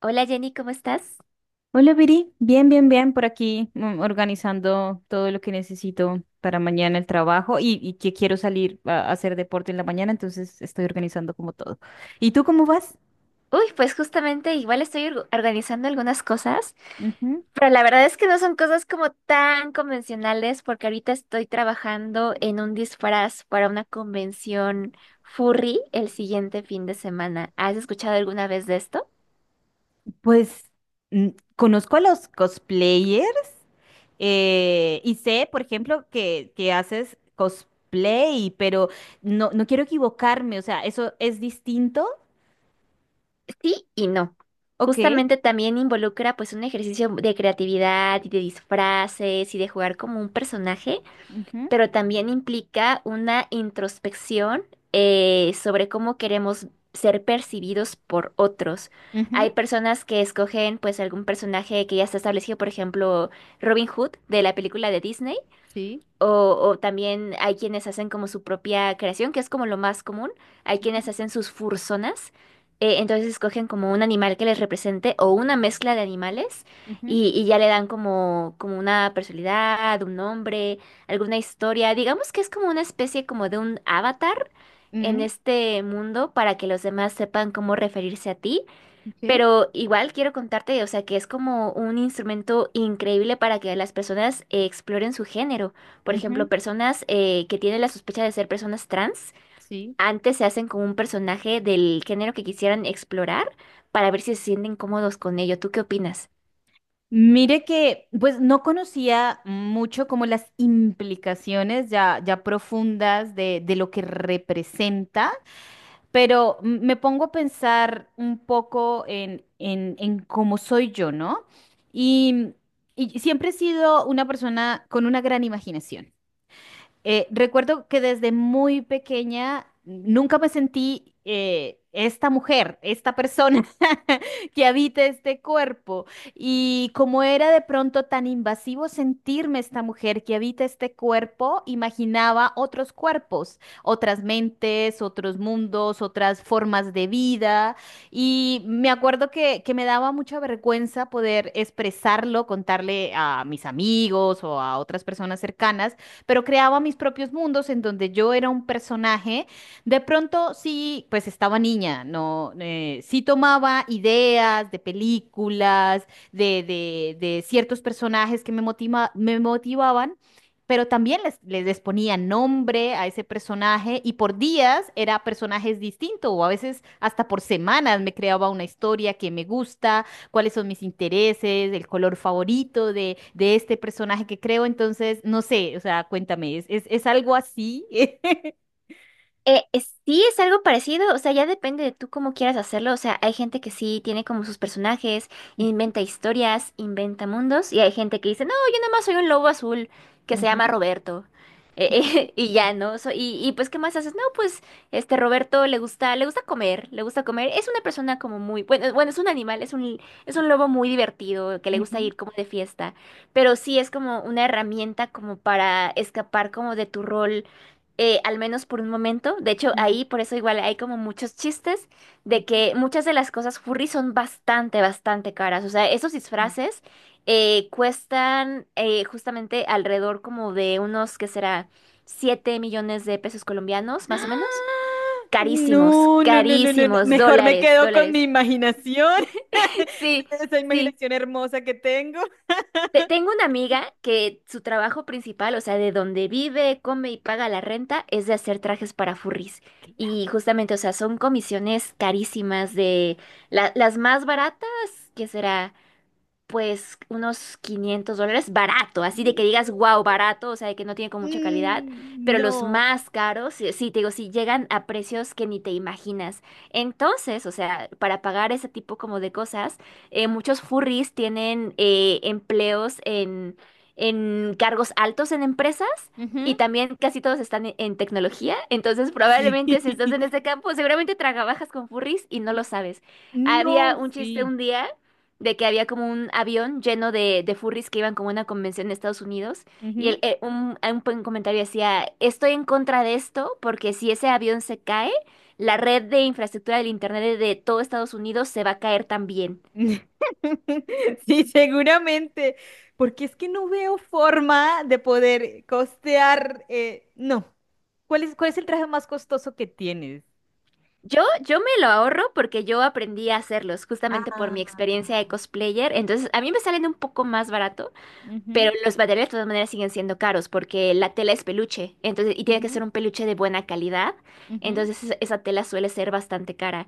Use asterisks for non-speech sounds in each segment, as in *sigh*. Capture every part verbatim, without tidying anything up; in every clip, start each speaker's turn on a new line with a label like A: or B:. A: Hola Jenny, ¿cómo estás?
B: Hola, Viri. Bien, bien, bien. Por aquí mm, organizando todo lo que necesito para mañana el trabajo y, y que quiero salir a a hacer deporte en la mañana, entonces estoy organizando como todo. ¿Y tú cómo vas?
A: Uy, pues justamente igual estoy org- organizando algunas cosas,
B: Ujú.
A: pero la verdad es que no son cosas como tan convencionales porque ahorita estoy trabajando en un disfraz para una convención furry el siguiente fin de semana. ¿Has escuchado alguna vez de esto?
B: Pues mm, conozco a los cosplayers, eh, y sé, por ejemplo, que, que haces cosplay, pero no, no quiero equivocarme, o sea, ¿eso es distinto?
A: Sí y no.
B: Ok.
A: Justamente también involucra pues un ejercicio de creatividad y de disfraces y de jugar como un personaje,
B: Ujú,
A: pero también implica una introspección eh, sobre cómo queremos ser percibidos por otros.
B: ujú.
A: Hay personas que escogen pues algún personaje que ya está establecido, por ejemplo, Robin Hood de la película de Disney
B: Sí.
A: o, o también hay quienes hacen como su propia creación, que es como lo más común. Hay quienes
B: Ujú,
A: hacen sus fursonas. Eh, entonces escogen como un animal que les represente o una mezcla de animales
B: ujú,
A: y, y ya le dan como, como una personalidad, un nombre, alguna historia. Digamos que es como una especie como de un avatar en
B: mm,
A: este mundo para que los demás sepan cómo referirse a ti.
B: ok,
A: Pero igual quiero contarte, o sea, que es como un instrumento increíble para que las personas eh, exploren su género. Por ejemplo,
B: ujú.
A: personas eh, que tienen la sospecha de ser personas trans,
B: Sí.
A: antes se hacen con un personaje del género que quisieran explorar para ver si se sienten cómodos con ello. ¿Tú qué opinas?
B: Mire que, pues no conocía mucho como las implicaciones ya, ya profundas de, de lo que representa, pero m- me pongo a pensar un poco en, en, en cómo soy yo, ¿no? Y, y siempre he sido una persona con una gran imaginación. Eh, recuerdo que desde muy pequeña nunca me sentí, eh, esta mujer, esta persona *laughs* que habita este cuerpo. Y como era de pronto tan invasivo sentirme esta mujer que habita este cuerpo, imaginaba otros cuerpos, otras mentes, otros mundos, otras formas de vida. Y me acuerdo que, que me daba mucha vergüenza poder expresarlo, contarle a mis amigos o a otras personas cercanas, pero creaba mis propios mundos en donde yo era un personaje. De pronto sí, pues estaba niña, no. Eh, sí tomaba ideas de películas, de, de- de ciertos personajes que me motiva- me motivaban. Pero también les, les, les ponía nombre a ese personaje y por días era personajes distintos, o a veces hasta por semanas me creaba una historia que me gusta, cuáles son mis intereses, el color favorito de, de este personaje que creo. Entonces, no sé, o sea, cuéntame, ¿es, es, es algo así? *laughs*
A: Eh, es- sí, es algo parecido, o sea, ya depende de tú cómo quieras hacerlo, o sea, hay gente que sí tiene como sus personajes, inventa historias, inventa mundos, y hay gente que dice, no, yo nada más soy un lobo azul que se
B: Ujú,
A: llama Roberto. Eh, eh, *laughs* y ya, ¿no? So- y, y pues, ¿qué más haces? No, pues, este Roberto le gusta, le gusta comer, le gusta comer, es una persona como muy, bueno, bueno, es un animal, es un, es un lobo muy divertido, que le gusta
B: ujú,
A: ir como de fiesta, pero sí es como una herramienta como para escapar como de tu rol eh, al menos por un momento. De hecho,
B: ujú,
A: ahí por eso igual hay como muchos chistes de
B: ujú,
A: que muchas de las cosas furry son bastante, bastante caras. O sea, esos
B: ujú.
A: disfraces eh, cuestan eh, justamente alrededor como de unos, ¿qué será? Siete millones de pesos colombianos, más o menos. Carísimos,
B: No, no, no, no, no, no.
A: carísimos,
B: Mejor me
A: dólares,
B: quedo con mi
A: dólares.
B: imaginación, *laughs*
A: *laughs* Sí,
B: esa
A: sí.
B: imaginación hermosa que tengo.
A: Te- Tengo una amiga que su trabajo principal, o sea, de donde vive, come y paga la renta, es de hacer trajes para furries. Y
B: Claro.
A: justamente, o sea, son comisiones carísimas de la- las más baratas, ¿que será? Pues unos quinientos dólares, barato, así de que digas, wow, barato, o sea, de que no tiene con mucha calidad,
B: Mm,
A: pero los
B: no.
A: más caros, sí, sí, te digo, sí llegan a precios que ni te imaginas. Entonces, o sea, para pagar ese tipo como de cosas, eh, muchos furries tienen eh, empleos en, en cargos altos en empresas. Y
B: Ujú.
A: también casi todos están en, en tecnología, entonces
B: Sí.
A: probablemente si estás en
B: *laughs*
A: este campo, seguramente trabajas con furries y no lo sabes.
B: No,
A: Había un chiste
B: sí.
A: un día de que había como un avión lleno de, de furries que iban como a una convención de Estados Unidos y el, eh, un, un buen comentario decía, estoy en contra de esto porque si ese avión se cae, la red de infraestructura del Internet de todo Estados Unidos se va a caer también.
B: *laughs* Sí, seguramente, porque es que no veo forma de poder costear, eh, no. ¿Cuál es, cuál es el traje más costoso que tienes?
A: Yo, yo me lo ahorro porque yo aprendí a hacerlos justamente por
B: Ah.
A: mi experiencia de cosplayer, entonces a mí me salen un poco más baratos.
B: Ujú,
A: Pero los materiales de todas maneras siguen siendo caros porque la tela es peluche, entonces, y tiene que ser
B: ujú,
A: un peluche de buena calidad,
B: ujú,
A: entonces esa esa tela suele ser bastante cara.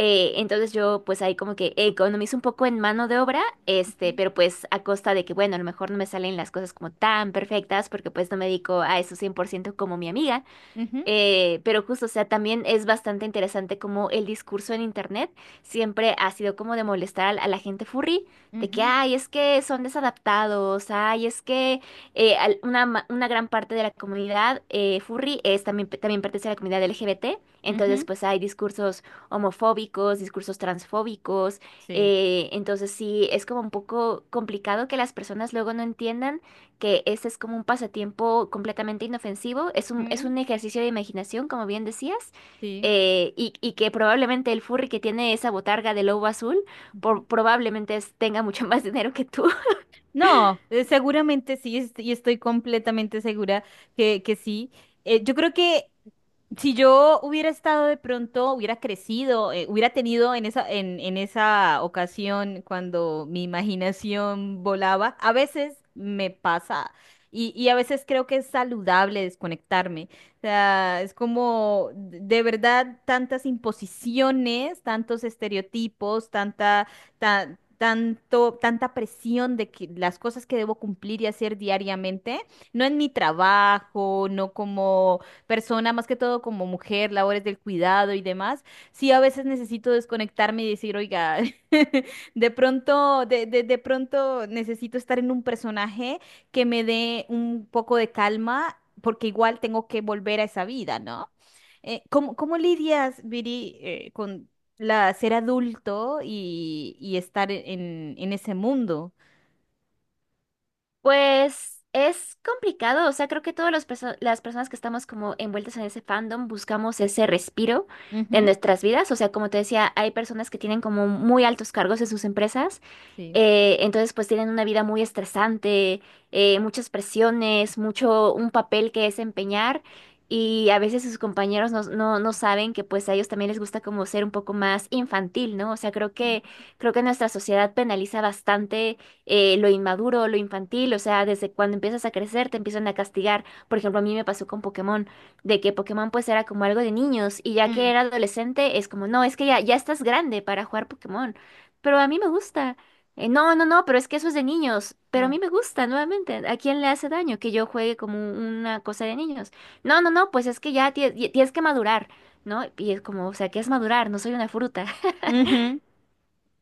A: Eh, entonces yo pues ahí como que economizo un poco en mano de obra, este,
B: ujú,
A: pero pues a costa de que, bueno, a lo mejor no me salen las cosas como tan perfectas porque pues no me dedico a eso cien por ciento como mi amiga.
B: ujú,
A: Eh, pero justo, o sea, también es bastante interesante como el discurso en internet siempre ha sido como de molestar al- a, la gente furry, de que,
B: ujú.
A: ay, es que son desadaptados, ay, es que eh, al- una, ma- una gran parte de la comunidad eh, furry es también, también pertenece a la comunidad L G B T, entonces pues hay discursos homofóbicos, discursos transfóbicos.
B: Sí.
A: Eh, entonces sí, es como un poco complicado que las personas luego no entiendan que ese es como un pasatiempo completamente inofensivo, es un, es
B: Mm.
A: un ejercicio de imaginación, como bien decías,
B: Sí.
A: eh, y, y que probablemente el furry que tiene esa botarga de lobo azul
B: Ujú.
A: por- probablemente es- tenga mucho *laughs* más dinero que tú.
B: No, eh, seguramente sí, es- y estoy completamente segura que, que sí. Eh, yo creo que Si yo hubiera estado de pronto, hubiera crecido, eh, hubiera tenido en esa, en, en esa ocasión cuando mi imaginación volaba, a veces me pasa y, y a veces creo que es saludable desconectarme. O sea, es como de de verdad tantas imposiciones, tantos estereotipos, tanta, ta- tanto, tanta presión de que las cosas que debo cumplir y hacer diariamente, no en mi trabajo, no como persona, más que todo como mujer, labores del cuidado y demás, sí a veces necesito desconectarme y decir, oiga, *laughs* de pronto, de, de, de pronto necesito estar en un personaje que me dé un poco de calma, porque igual tengo que volver a esa vida, ¿no? Eh, ¿cómo, cómo lidias, Viri, eh, con la ser adulto y, y estar en, en ese mundo?
A: Pues es complicado, o sea, creo que todas las perso- las personas que estamos como envueltas en ese fandom buscamos ese respiro de
B: Ujú.
A: nuestras vidas, o sea, como te decía, hay personas que tienen como muy altos cargos en sus empresas.
B: Sí.
A: Eh, entonces, pues tienen una vida muy estresante, eh, muchas presiones, mucho un papel que desempeñar y a veces sus compañeros no, no, no saben que pues a ellos también les gusta como ser un poco más infantil, ¿no? O sea, creo que, creo que nuestra sociedad penaliza bastante eh, lo inmaduro, lo infantil, o sea, desde cuando empiezas a crecer te empiezan a castigar. Por ejemplo, a mí me pasó con Pokémon, de que Pokémon pues era como algo de niños y ya que
B: Mm,
A: era adolescente es como, no, es que ya, ya estás grande para jugar Pokémon, pero a mí me gusta. Eh, no, no, no, pero es que eso es de niños. Pero a
B: mm.
A: mí me gusta, nuevamente. ¿A quién le hace daño que yo juegue como una cosa de niños? No, no, no, pues es que ya tie- ya tienes que madurar, ¿no? Y es como, o sea, ¿qué es madurar? No soy una fruta. *laughs*
B: Ujú.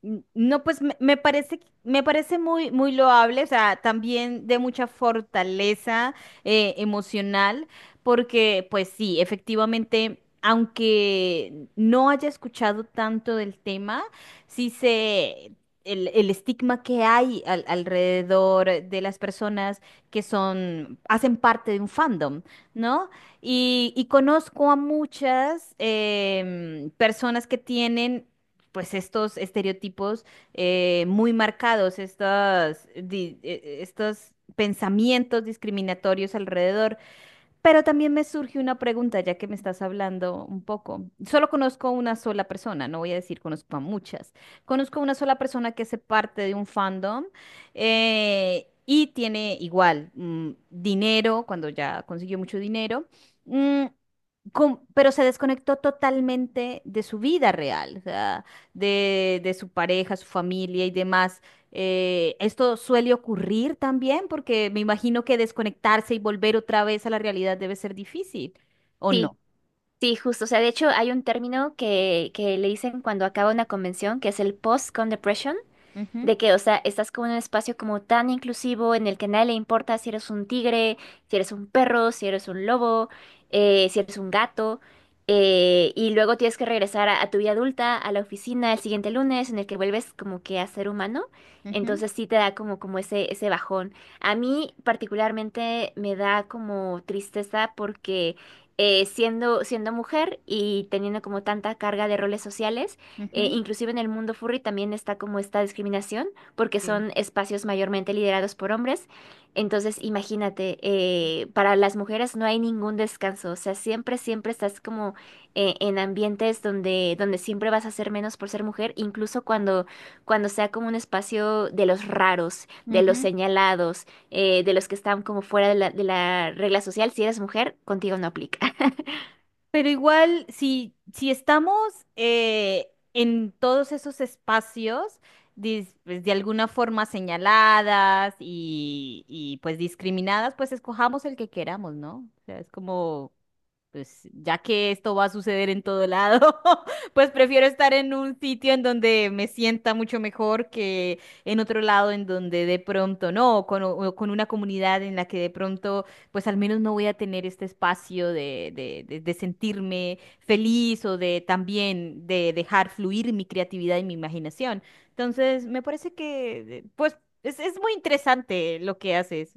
B: N- No, pues me, me parece, me parece muy, muy loable, o sea, también de mucha fortaleza, eh, emocional, porque pues sí, efectivamente, aunque no haya escuchado tanto del tema, sí sé el, el estigma que hay al- alrededor de las personas que son, hacen parte de un fandom, ¿no? Y, y conozco a muchas, em, personas que tienen pues estos estereotipos, eh, muy marcados, estos, estos pensamientos discriminatorios alrededor. Pero también me surge una pregunta, ya que me estás hablando un poco. Solo conozco una sola persona, no voy a decir conozco a muchas. Conozco una sola persona que hace parte de un fandom, eh, y tiene igual, mm, dinero, cuando ya consiguió mucho dinero. mm, com- pero se desconectó totalmente de su vida real, o sea, de, de su pareja, su familia y demás. Eh, esto suele ocurrir también porque me imagino que desconectarse y volver otra vez a la realidad debe ser difícil, ¿o no?
A: Sí, sí, justo. O sea, de hecho, hay un término que, que le dicen cuando acaba una convención, que es el post-con depression. De
B: Ujú,
A: que, o sea, estás como en un espacio como tan inclusivo en el que a nadie le importa si eres un tigre, si eres un perro, si eres un lobo, eh, si eres un gato, eh, y luego tienes que regresar a, a tu vida adulta, a la oficina el siguiente lunes en el que vuelves como que a ser humano.
B: ujú,
A: Entonces sí te da como, como ese, ese bajón. A mí particularmente me da como tristeza porque eh, siendo, siendo mujer y teniendo como tanta carga de roles sociales, eh,
B: ujú,
A: inclusive en el mundo furry también está como esta discriminación, porque son espacios mayormente liderados por hombres. Entonces, imagínate, eh, para las mujeres no hay ningún descanso, o sea, siempre, siempre estás como eh, en ambientes donde, donde siempre vas a ser menos por ser mujer, incluso cuando, cuando sea como un espacio de los raros, de los
B: sí.
A: señalados, eh, de los que están como fuera de la, de la regla social, si eres mujer, contigo no aplica. *laughs*
B: Pero igual, si, si estamos, eh, en todos esos espacios, dis- pues, de alguna forma señaladas y, y, pues discriminadas, pues escojamos el que queramos, ¿no? O sea, es como pues ya que esto va a suceder en todo lado, *laughs* pues prefiero estar en un sitio en donde me sienta mucho mejor que en otro lado en donde de pronto no, o con, o con, una comunidad en la que de pronto pues al menos no voy a tener este espacio de, de, de- de sentirme feliz o de también de dejar fluir mi creatividad y mi imaginación. Entonces, me parece que eh, pues. Es, es muy interesante lo que haces.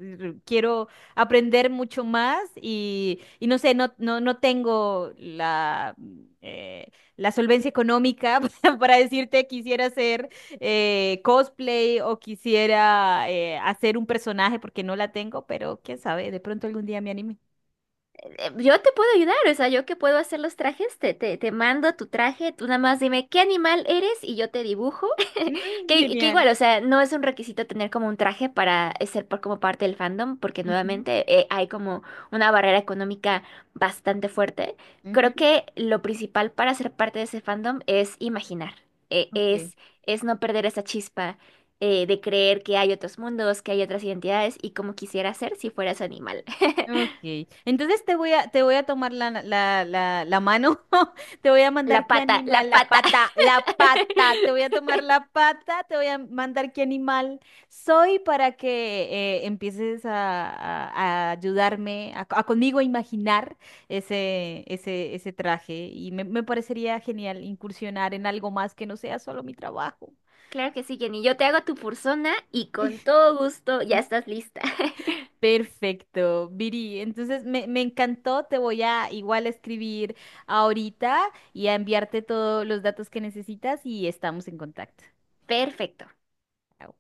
B: Quiero aprender mucho más y, y no sé, no, no, no tengo la, eh, la solvencia económica *laughs* para, para decirte quisiera hacer, eh, cosplay, o quisiera, eh, hacer un personaje porque no la tengo, pero quién sabe, de pronto algún día me anime.
A: eh, Yo te puedo ayudar, o sea, yo que puedo hacer los trajes, te, te, te mando tu traje, tú nada más dime qué animal eres y yo te dibujo. *laughs*
B: Mm,
A: Que, que
B: genial.
A: igual, o sea, no es un requisito tener como un traje para ser por, como parte del fandom, porque
B: Ujú,
A: nuevamente eh, hay como una barrera económica bastante fuerte. Creo
B: ujú,
A: que lo principal para ser parte de ese fandom es imaginar, eh,
B: ok.
A: es, es no perder esa chispa eh, de creer que hay otros mundos, que hay otras identidades y como quisiera ser si fueras animal. *laughs*
B: Ok, entonces te voy a, te voy a tomar la, la, la, la mano, *laughs* te voy a
A: La
B: mandar qué
A: pata, la
B: animal, la
A: pata.
B: pata, la pata, te voy a
A: *laughs*
B: tomar la pata, te voy a mandar qué animal soy para que, eh, empieces a, a- a ayudarme, a, co- a conmigo a imaginar ese, ese, ese traje, y me, me parecería genial incursionar en algo más que no sea solo mi trabajo.
A: Claro que sí, Jenny. Yo te hago tu persona y con todo gusto ya estás lista.
B: Perfecto, Viri. Entonces me, me encantó. Te voy a igual a escribir ahorita y a enviarte todos los datos que necesitas y estamos en contacto.
A: *laughs* Perfecto.